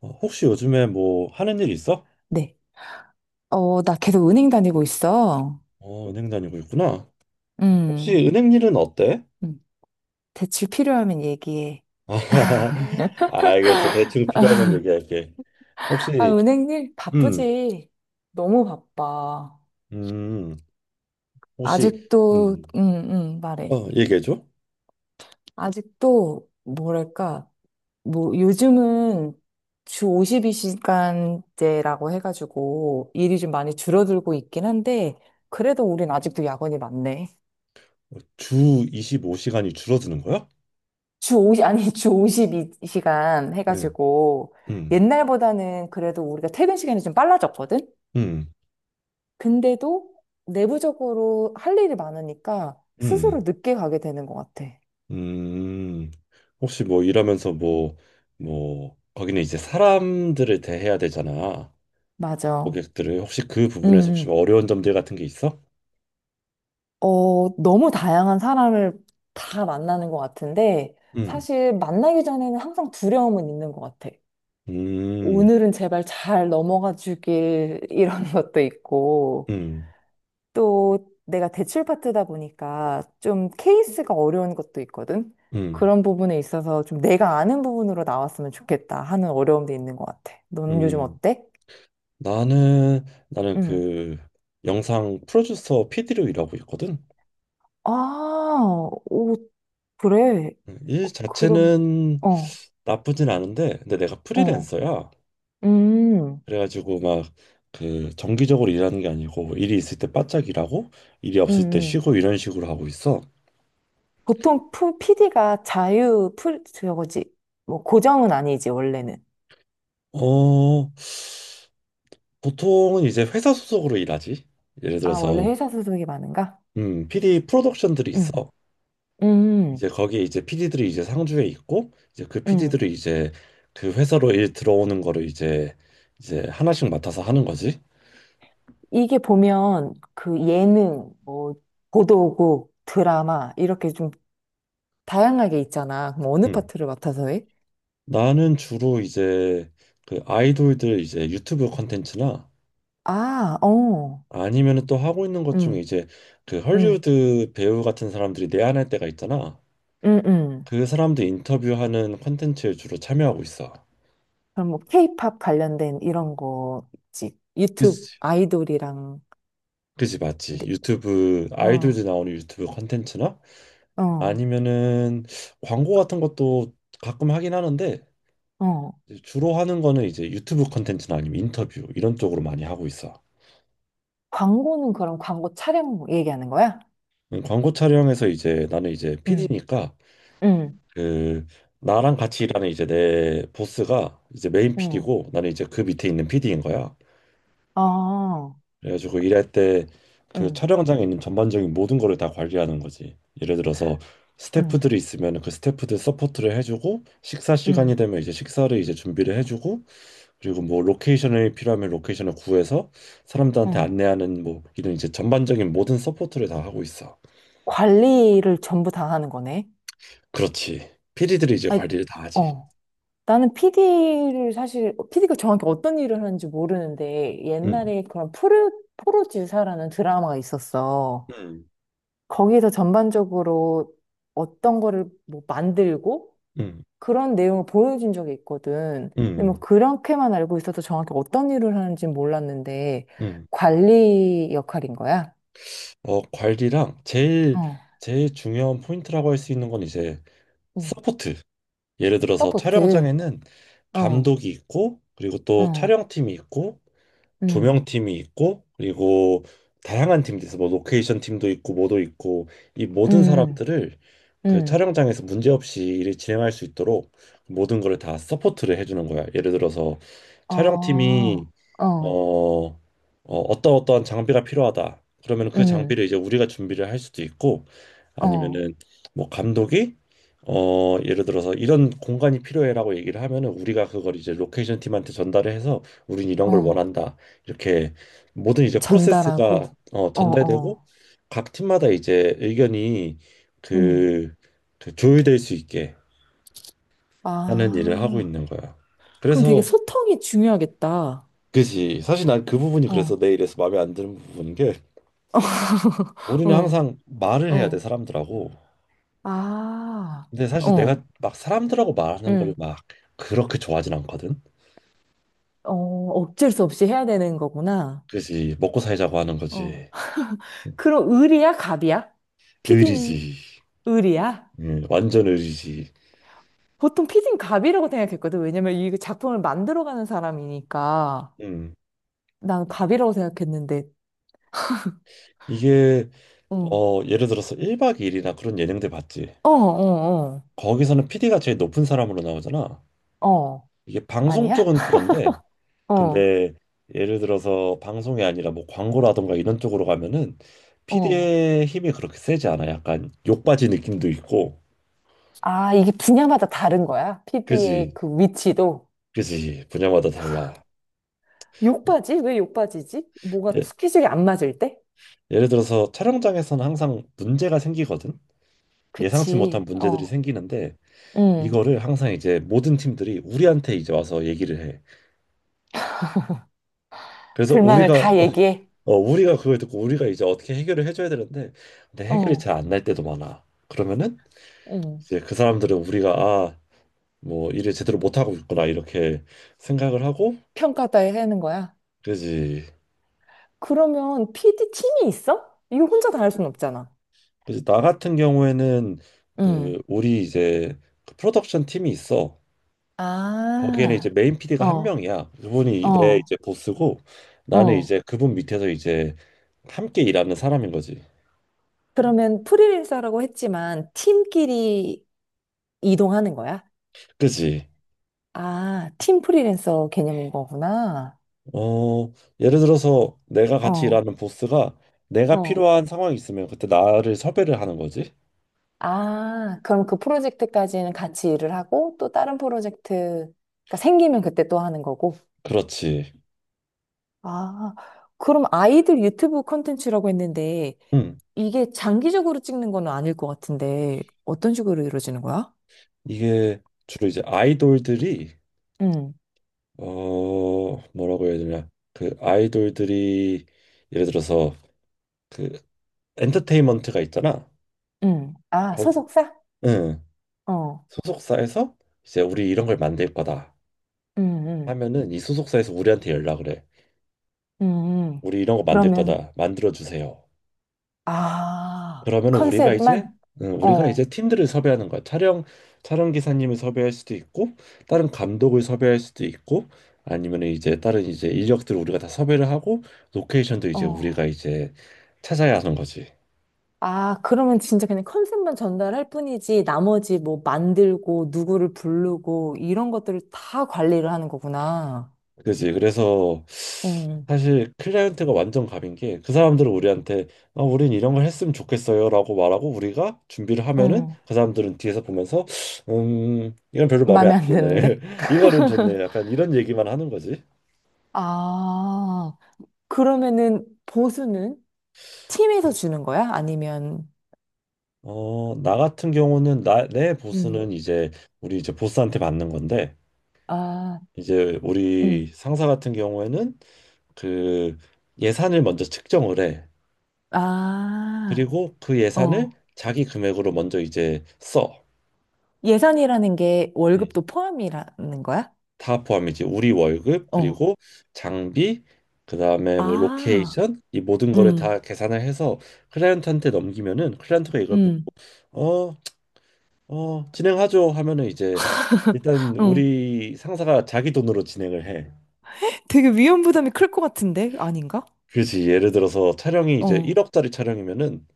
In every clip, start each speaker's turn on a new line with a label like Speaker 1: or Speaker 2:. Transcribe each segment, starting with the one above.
Speaker 1: 혹시 요즘에 뭐 하는 일 있어?
Speaker 2: 네. 어, 나 계속 은행 다니고 있어.
Speaker 1: 은행 다니고 있구나. 혹시
Speaker 2: 음,
Speaker 1: 은행 일은 어때?
Speaker 2: 음. 대출 필요하면 얘기해.
Speaker 1: 알겠어. 대충 필요하면 얘기할게.
Speaker 2: 아,
Speaker 1: 혹시
Speaker 2: 은행 일
Speaker 1: 음,
Speaker 2: 바쁘지. 너무 바빠.
Speaker 1: 음, 혹시
Speaker 2: 아직도,
Speaker 1: 음,
Speaker 2: 말해.
Speaker 1: 얘기해줘.
Speaker 2: 아직도, 뭐랄까, 뭐, 요즘은 주 52시간제라고 해가지고 일이 좀 많이 줄어들고 있긴 한데, 그래도 우린 아직도 야근이 많네.
Speaker 1: 주 25시간이 줄어드는 거야?
Speaker 2: 주 50, 아니, 주 52시간
Speaker 1: 응.
Speaker 2: 해가지고,
Speaker 1: 음.
Speaker 2: 옛날보다는 그래도 우리가 퇴근 시간이 좀 빨라졌거든?
Speaker 1: 음.
Speaker 2: 근데도 내부적으로 할 일이 많으니까 스스로
Speaker 1: 음.
Speaker 2: 늦게 가게 되는 것 같아.
Speaker 1: 음. 혹시 뭐 일하면서
Speaker 2: 음.
Speaker 1: 뭐, 뭐 거기는 이제 사람들을 대해야 되잖아.
Speaker 2: 맞아.
Speaker 1: 고객들을 혹시 그
Speaker 2: 음,
Speaker 1: 부분에서 혹시
Speaker 2: 음.
Speaker 1: 어려운 점들 같은 게 있어?
Speaker 2: 어, 너무 다양한 사람을 다 만나는 것 같은데,
Speaker 1: 음.
Speaker 2: 사실 만나기 전에는 항상 두려움은 있는 것 같아.
Speaker 1: 음.
Speaker 2: 오늘은 제발 잘 넘어가 주길, 이런 것도 있고,
Speaker 1: 음.
Speaker 2: 또 내가 대출 파트다 보니까 좀 케이스가 어려운 것도 있거든.
Speaker 1: 음.
Speaker 2: 그런 부분에 있어서 좀 내가 아는 부분으로 나왔으면 좋겠다 하는 어려움도 있는 것 같아. 넌 요즘
Speaker 1: 음.
Speaker 2: 어때?
Speaker 1: 나는
Speaker 2: 응.
Speaker 1: 그 영상 프로듀서 PD로 일하고 있거든.
Speaker 2: 아, 오, 그래.
Speaker 1: 일
Speaker 2: 어, 그럼,
Speaker 1: 자체는
Speaker 2: 어,
Speaker 1: 나쁘진 않은데, 근데 내가
Speaker 2: 어,
Speaker 1: 프리랜서야.
Speaker 2: 음,
Speaker 1: 그래가지고 막 그 정기적으로 일하는 게 아니고, 일이 있을 때 바짝 일하고, 일이
Speaker 2: 음,
Speaker 1: 없을 때
Speaker 2: 음.
Speaker 1: 쉬고 이런 식으로 하고 있어.
Speaker 2: 보통 PD가 자유, 풀, 저거지. 뭐, 고정은 아니지, 원래는.
Speaker 1: 어, 보통은 이제 회사 소속으로 일하지. 예를
Speaker 2: 아, 원래
Speaker 1: 들어서,
Speaker 2: 회사 소속이 많은가?
Speaker 1: PD 프로덕션들이
Speaker 2: 응,
Speaker 1: 있어. 이제
Speaker 2: 음,
Speaker 1: 거기에 이제 PD들이 이제 상주에 있고 이제 그
Speaker 2: 음.
Speaker 1: PD들이 이제 그 회사로 일 들어오는 거를 이제 하나씩 맡아서 하는 거지.
Speaker 2: 이게 보면 그 예능, 뭐, 보도국, 드라마, 이렇게 좀 다양하게 있잖아. 그럼 어느
Speaker 1: 음.
Speaker 2: 파트를 맡아서 해?
Speaker 1: 나는 주로 이제 그 아이돌들 이제 유튜브 콘텐츠나
Speaker 2: 아, 어,
Speaker 1: 아니면은 또 하고 있는 것 중에
Speaker 2: 응,
Speaker 1: 이제 그
Speaker 2: 응,
Speaker 1: 헐리우드 배우 같은 사람들이 내한할 때가 있잖아.
Speaker 2: 응, 응.
Speaker 1: 그 사람들 인터뷰하는 콘텐츠에 주로 참여하고 있어.
Speaker 2: 그럼 뭐, 케이팝 관련된 이런 거 있지. 유튜브
Speaker 1: 그치,
Speaker 2: 아이돌이랑,
Speaker 1: 그치, 맞지.
Speaker 2: 네,
Speaker 1: 유튜브
Speaker 2: 어,
Speaker 1: 아이돌들 나오는 유튜브 콘텐츠나
Speaker 2: 어,
Speaker 1: 아니면은 광고 같은 것도 가끔 하긴 하는데
Speaker 2: 어.
Speaker 1: 이제 주로 하는 거는 이제 유튜브 컨텐츠나 아니면 인터뷰 이런 쪽으로 많이 하고 있어.
Speaker 2: 광고는 그럼 광고 촬영 얘기하는 거야?
Speaker 1: 광고 촬영에서 이제 나는 이제
Speaker 2: 응,
Speaker 1: PD니까
Speaker 2: 응,
Speaker 1: 그 나랑 같이 일하는 이제 내 보스가 이제 메인
Speaker 2: 응.
Speaker 1: PD고 나는 이제 그 밑에 있는 PD인 거야.
Speaker 2: 아,
Speaker 1: 그래가지고 일할 때 그
Speaker 2: 응,
Speaker 1: 촬영장에 있는 전반적인 모든 거를 다 관리하는 거지. 예를 들어서
Speaker 2: 응,
Speaker 1: 스태프들이 있으면 그 스태프들 서포트를 해주고 식사
Speaker 2: 응,
Speaker 1: 시간이 되면 이제 식사를 이제 준비를 해주고 그리고 뭐 로케이션이 필요하면 로케이션을 구해서 사람들한테
Speaker 2: 응.
Speaker 1: 안내하는 뭐 이런 이제 전반적인 모든 서포트를 다 하고 있어.
Speaker 2: 관리를 전부 다 하는 거네.
Speaker 1: 그렇지. PD들이 이제
Speaker 2: 아니,
Speaker 1: 관리를 다 하지.
Speaker 2: 어. 나는 PD를 사실, PD가 정확히 어떤 일을 하는지 모르는데,
Speaker 1: 음.
Speaker 2: 옛날에 그런 프로지사라는 드라마가 있었어.
Speaker 1: 음.
Speaker 2: 거기서 전반적으로 어떤 거를 뭐 만들고
Speaker 1: 음.
Speaker 2: 그런 내용을 보여준 적이 있거든. 근데 뭐
Speaker 1: 음.
Speaker 2: 그렇게만 알고 있어서 정확히 어떤 일을 하는지 몰랐는데,
Speaker 1: 음.
Speaker 2: 관리 역할인 거야.
Speaker 1: 관리랑 제일
Speaker 2: 어,
Speaker 1: 제일 중요한 포인트라고 할 수 있는 건 이제
Speaker 2: 응.
Speaker 1: 서포트. 예를 들어서
Speaker 2: 서포트.
Speaker 1: 촬영장에는
Speaker 2: 어,
Speaker 1: 감독이 있고 그리고 또
Speaker 2: 어,
Speaker 1: 촬영팀이 있고 두
Speaker 2: 음,
Speaker 1: 명 팀이 있고 그리고 다양한 팀도 있어. 뭐 로케이션 팀도 있고 뭐도 있고 이 모든
Speaker 2: 음,
Speaker 1: 사람들을 그
Speaker 2: 음.
Speaker 1: 촬영장에서 문제없이 일을 진행할 수 있도록 모든 거를 다 서포트를 해주는 거야. 예를 들어서
Speaker 2: 어,
Speaker 1: 촬영팀이 어,
Speaker 2: 어,
Speaker 1: 어 어떤 어떠한 장비가 필요하다. 그러면 그
Speaker 2: 음,
Speaker 1: 장비를 이제 우리가 준비를 할 수도 있고
Speaker 2: 어,
Speaker 1: 아니면은 뭐 감독이 예를 들어서 이런 공간이 필요해라고 얘기를 하면은 우리가 그걸 이제 로케이션 팀한테 전달을 해서 우린 이런 걸
Speaker 2: 어,
Speaker 1: 원한다. 이렇게 모든 이제 프로세스가
Speaker 2: 전달하고, 어,
Speaker 1: 전달되고
Speaker 2: 어,
Speaker 1: 각 팀마다 이제 의견이
Speaker 2: 음.
Speaker 1: 그, 그 조율될 수 있게 하는 일을 하고
Speaker 2: 아,
Speaker 1: 있는 거야.
Speaker 2: 그럼 되게
Speaker 1: 그래서
Speaker 2: 소통이 중요하겠다.
Speaker 1: 그지, 사실 난 그 부분이 그래서
Speaker 2: 어,
Speaker 1: 내 일에서 마음에 안 드는 부분인 게 우리는
Speaker 2: 어,
Speaker 1: 항상 말을 해야 돼
Speaker 2: 어,
Speaker 1: 사람들하고.
Speaker 2: 아,
Speaker 1: 근데 사실
Speaker 2: 어,
Speaker 1: 내가 막 사람들하고 말하는 걸
Speaker 2: 음,
Speaker 1: 막 그렇게 좋아하진 않거든.
Speaker 2: 어, 어쩔 수 없이 해야 되는 거구나.
Speaker 1: 그지 먹고 살자고 하는
Speaker 2: 어,
Speaker 1: 거지.
Speaker 2: 그럼 을이야, 갑이야? 피디는
Speaker 1: 의리지.
Speaker 2: 을이야?
Speaker 1: 완전 의리지.
Speaker 2: 보통 피디는 갑이라고 생각했거든. 왜냐면 이 작품을 만들어가는 사람이니까.
Speaker 1: 음.
Speaker 2: 난 갑이라고 생각했는데,
Speaker 1: 이게
Speaker 2: 어,
Speaker 1: 예를 들어서 1박 2일이나 그런 예능들 봤지.
Speaker 2: 어, 어, 어.
Speaker 1: 거기서는 PD가 제일 높은 사람으로 나오잖아.
Speaker 2: 어.
Speaker 1: 이게 방송
Speaker 2: 아니야?
Speaker 1: 쪽은 그런데,
Speaker 2: 어,
Speaker 1: 근데 예를 들어서 방송이 아니라 뭐 광고라던가 이런 쪽으로 가면은
Speaker 2: 어.
Speaker 1: PD의 힘이 그렇게 세지 않아. 약간 욕받이 느낌도 있고.
Speaker 2: 아, 이게 분야마다 다른 거야? PD의
Speaker 1: 그지,
Speaker 2: 그 위치도?
Speaker 1: 그지. 분야마다 달라.
Speaker 2: 욕바지? 왜 욕바지지? 뭐가
Speaker 1: 예,
Speaker 2: 스케줄이 안 맞을 때?
Speaker 1: 예를 들어서 촬영장에서는 항상 문제가 생기거든. 예상치 못한
Speaker 2: 그치.
Speaker 1: 문제들이
Speaker 2: 어,
Speaker 1: 생기는데
Speaker 2: 응
Speaker 1: 이거를 항상 이제 모든 팀들이 우리한테 이제 와서 얘기를 해. 그래서
Speaker 2: 불만을
Speaker 1: 우리가
Speaker 2: 다 얘기해.
Speaker 1: 어, 우리가 그걸 듣고 우리가 이제 어떻게 해결을 해줘야 되는데 근데 해결이
Speaker 2: 어.
Speaker 1: 잘 안 날 때도 많아. 그러면은
Speaker 2: 응
Speaker 1: 이제 그 사람들은 우리가 아, 뭐 일을 제대로 못 하고 있구나 이렇게 생각을 하고
Speaker 2: 평가다에 하는 거야.
Speaker 1: 그지.
Speaker 2: 그러면 PD 팀이 있어? 이거 혼자 다 할 순 없잖아.
Speaker 1: 그지. 나 같은 경우에는
Speaker 2: 응
Speaker 1: 그 우리 이제 그 프로덕션 팀이 있어. 거기에는 이제
Speaker 2: 아,
Speaker 1: 메인 PD가 한
Speaker 2: 어,
Speaker 1: 명이야. 그분이 내
Speaker 2: 어,
Speaker 1: 이제 보스고 나는
Speaker 2: 어.
Speaker 1: 이제 그분 밑에서 이제 함께 일하는 사람인 거지.
Speaker 2: 그러면 프리랜서라고 했지만 팀끼리 이동하는 거야?
Speaker 1: 그지.
Speaker 2: 아, 팀 프리랜서 개념인 거구나.
Speaker 1: 어, 예를 들어서 내가 같이
Speaker 2: 어,
Speaker 1: 일하는 보스가 내가
Speaker 2: 어.
Speaker 1: 필요한 상황이 있으면 그때 나를 섭외를 하는 거지.
Speaker 2: 아, 그럼 그 프로젝트까지는 같이 일을 하고 또 다른 프로젝트가 생기면 그때 또 하는 거고.
Speaker 1: 그렇지.
Speaker 2: 아, 그럼 아이들 유튜브 콘텐츠라고 했는데
Speaker 1: 음
Speaker 2: 이게 장기적으로 찍는 건 아닐 것 같은데 어떤 식으로 이루어지는 거야?
Speaker 1: 이게 주로 이제 아이돌들이
Speaker 2: 응,
Speaker 1: 뭐라고 해야 되냐? 그 아이돌들이 예를 들어서 그 엔터테인먼트가 있잖아.
Speaker 2: 응. 아,
Speaker 1: 거,
Speaker 2: 소속사?
Speaker 1: 응.
Speaker 2: 어,
Speaker 1: 소속사에서 이제 우리 이런 걸 만들 거다
Speaker 2: 응, 응,
Speaker 1: 하면은 이 소속사에서 우리한테 연락을 해.
Speaker 2: 응.
Speaker 1: 우리 이런 거 만들
Speaker 2: 그러면,
Speaker 1: 거다. 만들어 주세요.
Speaker 2: 아,
Speaker 1: 그러면 우리가 이제
Speaker 2: 컨셉만?
Speaker 1: 응, 우리가 이제
Speaker 2: 어,
Speaker 1: 팀들을 섭외하는 거야. 촬영 기사님을 섭외할 수도 있고 다른 감독을 섭외할 수도 있고 아니면 이제 다른 이제 인력들을 우리가 다 섭외를 하고 로케이션도 이제
Speaker 2: 어.
Speaker 1: 우리가 이제 찾아야 하는 거지.
Speaker 2: 아, 그러면 진짜 그냥 컨셉만 전달할 뿐이지, 나머지 뭐 만들고, 누구를 부르고, 이런 것들을 다 관리를 하는 거구나.
Speaker 1: 그지? 그래서
Speaker 2: 응,
Speaker 1: 사실 클라이언트가 완전 갑인 게 그 사람들은 우리한테 아, 우린 이런 걸 했으면 좋겠어요라고 말하고 우리가 준비를 하면은
Speaker 2: 응.
Speaker 1: 그 사람들은 뒤에서 보면서 이건 별로 마음에 안
Speaker 2: 마음에 안
Speaker 1: 드네
Speaker 2: 드는데?
Speaker 1: 이거는 좋네 약간 이런 얘기만 하는 거지.
Speaker 2: 아, 그러면은 보수는 팀에서 주는 거야? 아니면,
Speaker 1: 나 같은 경우는 내
Speaker 2: 음,
Speaker 1: 보스는 이제 우리 이제 보스한테 받는 건데
Speaker 2: 아,
Speaker 1: 이제 우리
Speaker 2: 음,
Speaker 1: 상사 같은 경우에는 그 예산을 먼저 측정을 해.
Speaker 2: 아,
Speaker 1: 그리고 그 예산을
Speaker 2: 어.
Speaker 1: 자기 금액으로 먼저 이제 써.
Speaker 2: 예산이라는 게
Speaker 1: 음.
Speaker 2: 월급도 포함이라는 거야?
Speaker 1: 다 포함이지. 우리 월급
Speaker 2: 어.
Speaker 1: 그리고 장비 그다음에 뭐
Speaker 2: 아,
Speaker 1: 로케이션 이 모든 거를
Speaker 2: 음,
Speaker 1: 다 계산을 해서 클라이언트한테 넘기면은 클라이언트가 이걸
Speaker 2: 음,
Speaker 1: 어, 진행하죠 하면은 이제 일단
Speaker 2: 음.
Speaker 1: 우리 상사가 자기 돈으로 진행을 해.
Speaker 2: 되게 위험 부담이 클 것 같은데? 아닌가?
Speaker 1: 그지. 예를 들어서 촬영이 이제
Speaker 2: 어,
Speaker 1: 1억짜리 촬영이면은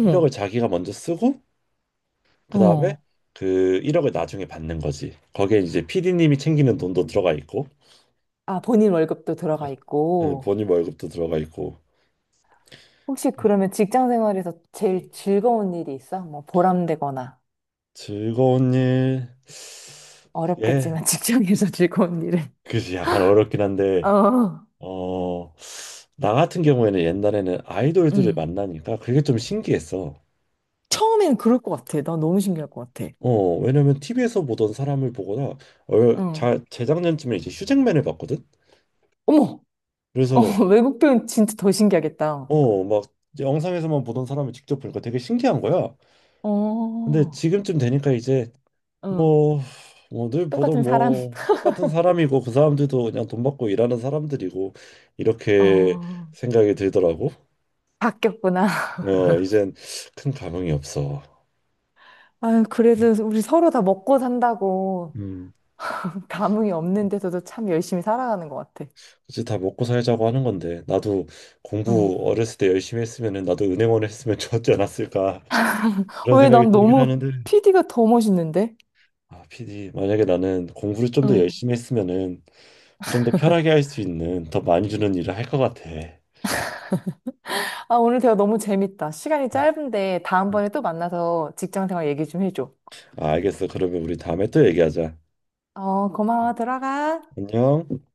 Speaker 1: 1억을 자기가 먼저 쓰고 그다음에
Speaker 2: 어.
Speaker 1: 그 1억을 나중에 받는 거지. 거기에 이제 PD님이 챙기는 돈도 들어가 있고
Speaker 2: 아, 본인 월급도 들어가
Speaker 1: 예,
Speaker 2: 있고.
Speaker 1: 본인 월급도 들어가 있고
Speaker 2: 혹시 그러면 직장 생활에서 제일 즐거운 일이 있어? 뭐 보람되거나
Speaker 1: 즐거운 일. 예.
Speaker 2: 어렵겠지만 직장에서 즐거운 일은.
Speaker 1: 그지. 약간 어렵긴 한데
Speaker 2: 어,
Speaker 1: 어, 나 같은 경우에는 옛날에는 아이돌들을
Speaker 2: 응.
Speaker 1: 만나니까 그게 좀 신기했어.
Speaker 2: 처음엔 그럴 것 같아. 나 너무 신기할 것 같아.
Speaker 1: 왜냐면 TV에서 보던 사람을 보거나
Speaker 2: 응.
Speaker 1: 재작년쯤에 이제 휴잭맨을 봤거든.
Speaker 2: 어머, 어,
Speaker 1: 그래서
Speaker 2: 외국 표현 진짜 더 신기하겠다.
Speaker 1: 막 이제 영상에서만 보던 사람을 직접 보니까 되게 신기한 거야. 근데
Speaker 2: 어,
Speaker 1: 지금쯤 되니까 이제
Speaker 2: 응.
Speaker 1: 뭐, 뭐 늘 보던
Speaker 2: 똑같은 사람
Speaker 1: 뭐 똑같은 사람이고 그 사람들도 그냥 돈 받고 일하는 사람들이고 이렇게
Speaker 2: 어.
Speaker 1: 생각이 들더라고.
Speaker 2: 바뀌었구나.
Speaker 1: 이젠 큰 감흥이 없어.
Speaker 2: 아유, 그래도 우리 서로 다 먹고 산다고
Speaker 1: 음.
Speaker 2: 감흥이 없는데서도 참 열심히 살아가는 것 같아.
Speaker 1: 그치, 다 먹고 살자고 하는 건데 나도
Speaker 2: 응.
Speaker 1: 공부 어렸을 때 열심히 했으면은 나도 은행원 했으면 좋았지 않았을까 그런
Speaker 2: 왜
Speaker 1: 생각이
Speaker 2: 난
Speaker 1: 들긴
Speaker 2: 너무
Speaker 1: 하는데
Speaker 2: PD가 더 멋있는데?
Speaker 1: 아, 피디 만약에 나는 공부를 좀 더
Speaker 2: 응.
Speaker 1: 열심히 했으면은 좀 더 편하게 할 수 있는 더 많이 주는 일을 할 것 같아.
Speaker 2: 아, 오늘 대화 너무 재밌다. 시간이
Speaker 1: 음.
Speaker 2: 짧은데
Speaker 1: 음.
Speaker 2: 다음번에 또 만나서 직장 생활 얘기 좀 해줘.
Speaker 1: 아, 알겠어. 그러면 우리 다음에 또 얘기하자.
Speaker 2: 어, 고마워. 들어가.
Speaker 1: 안녕.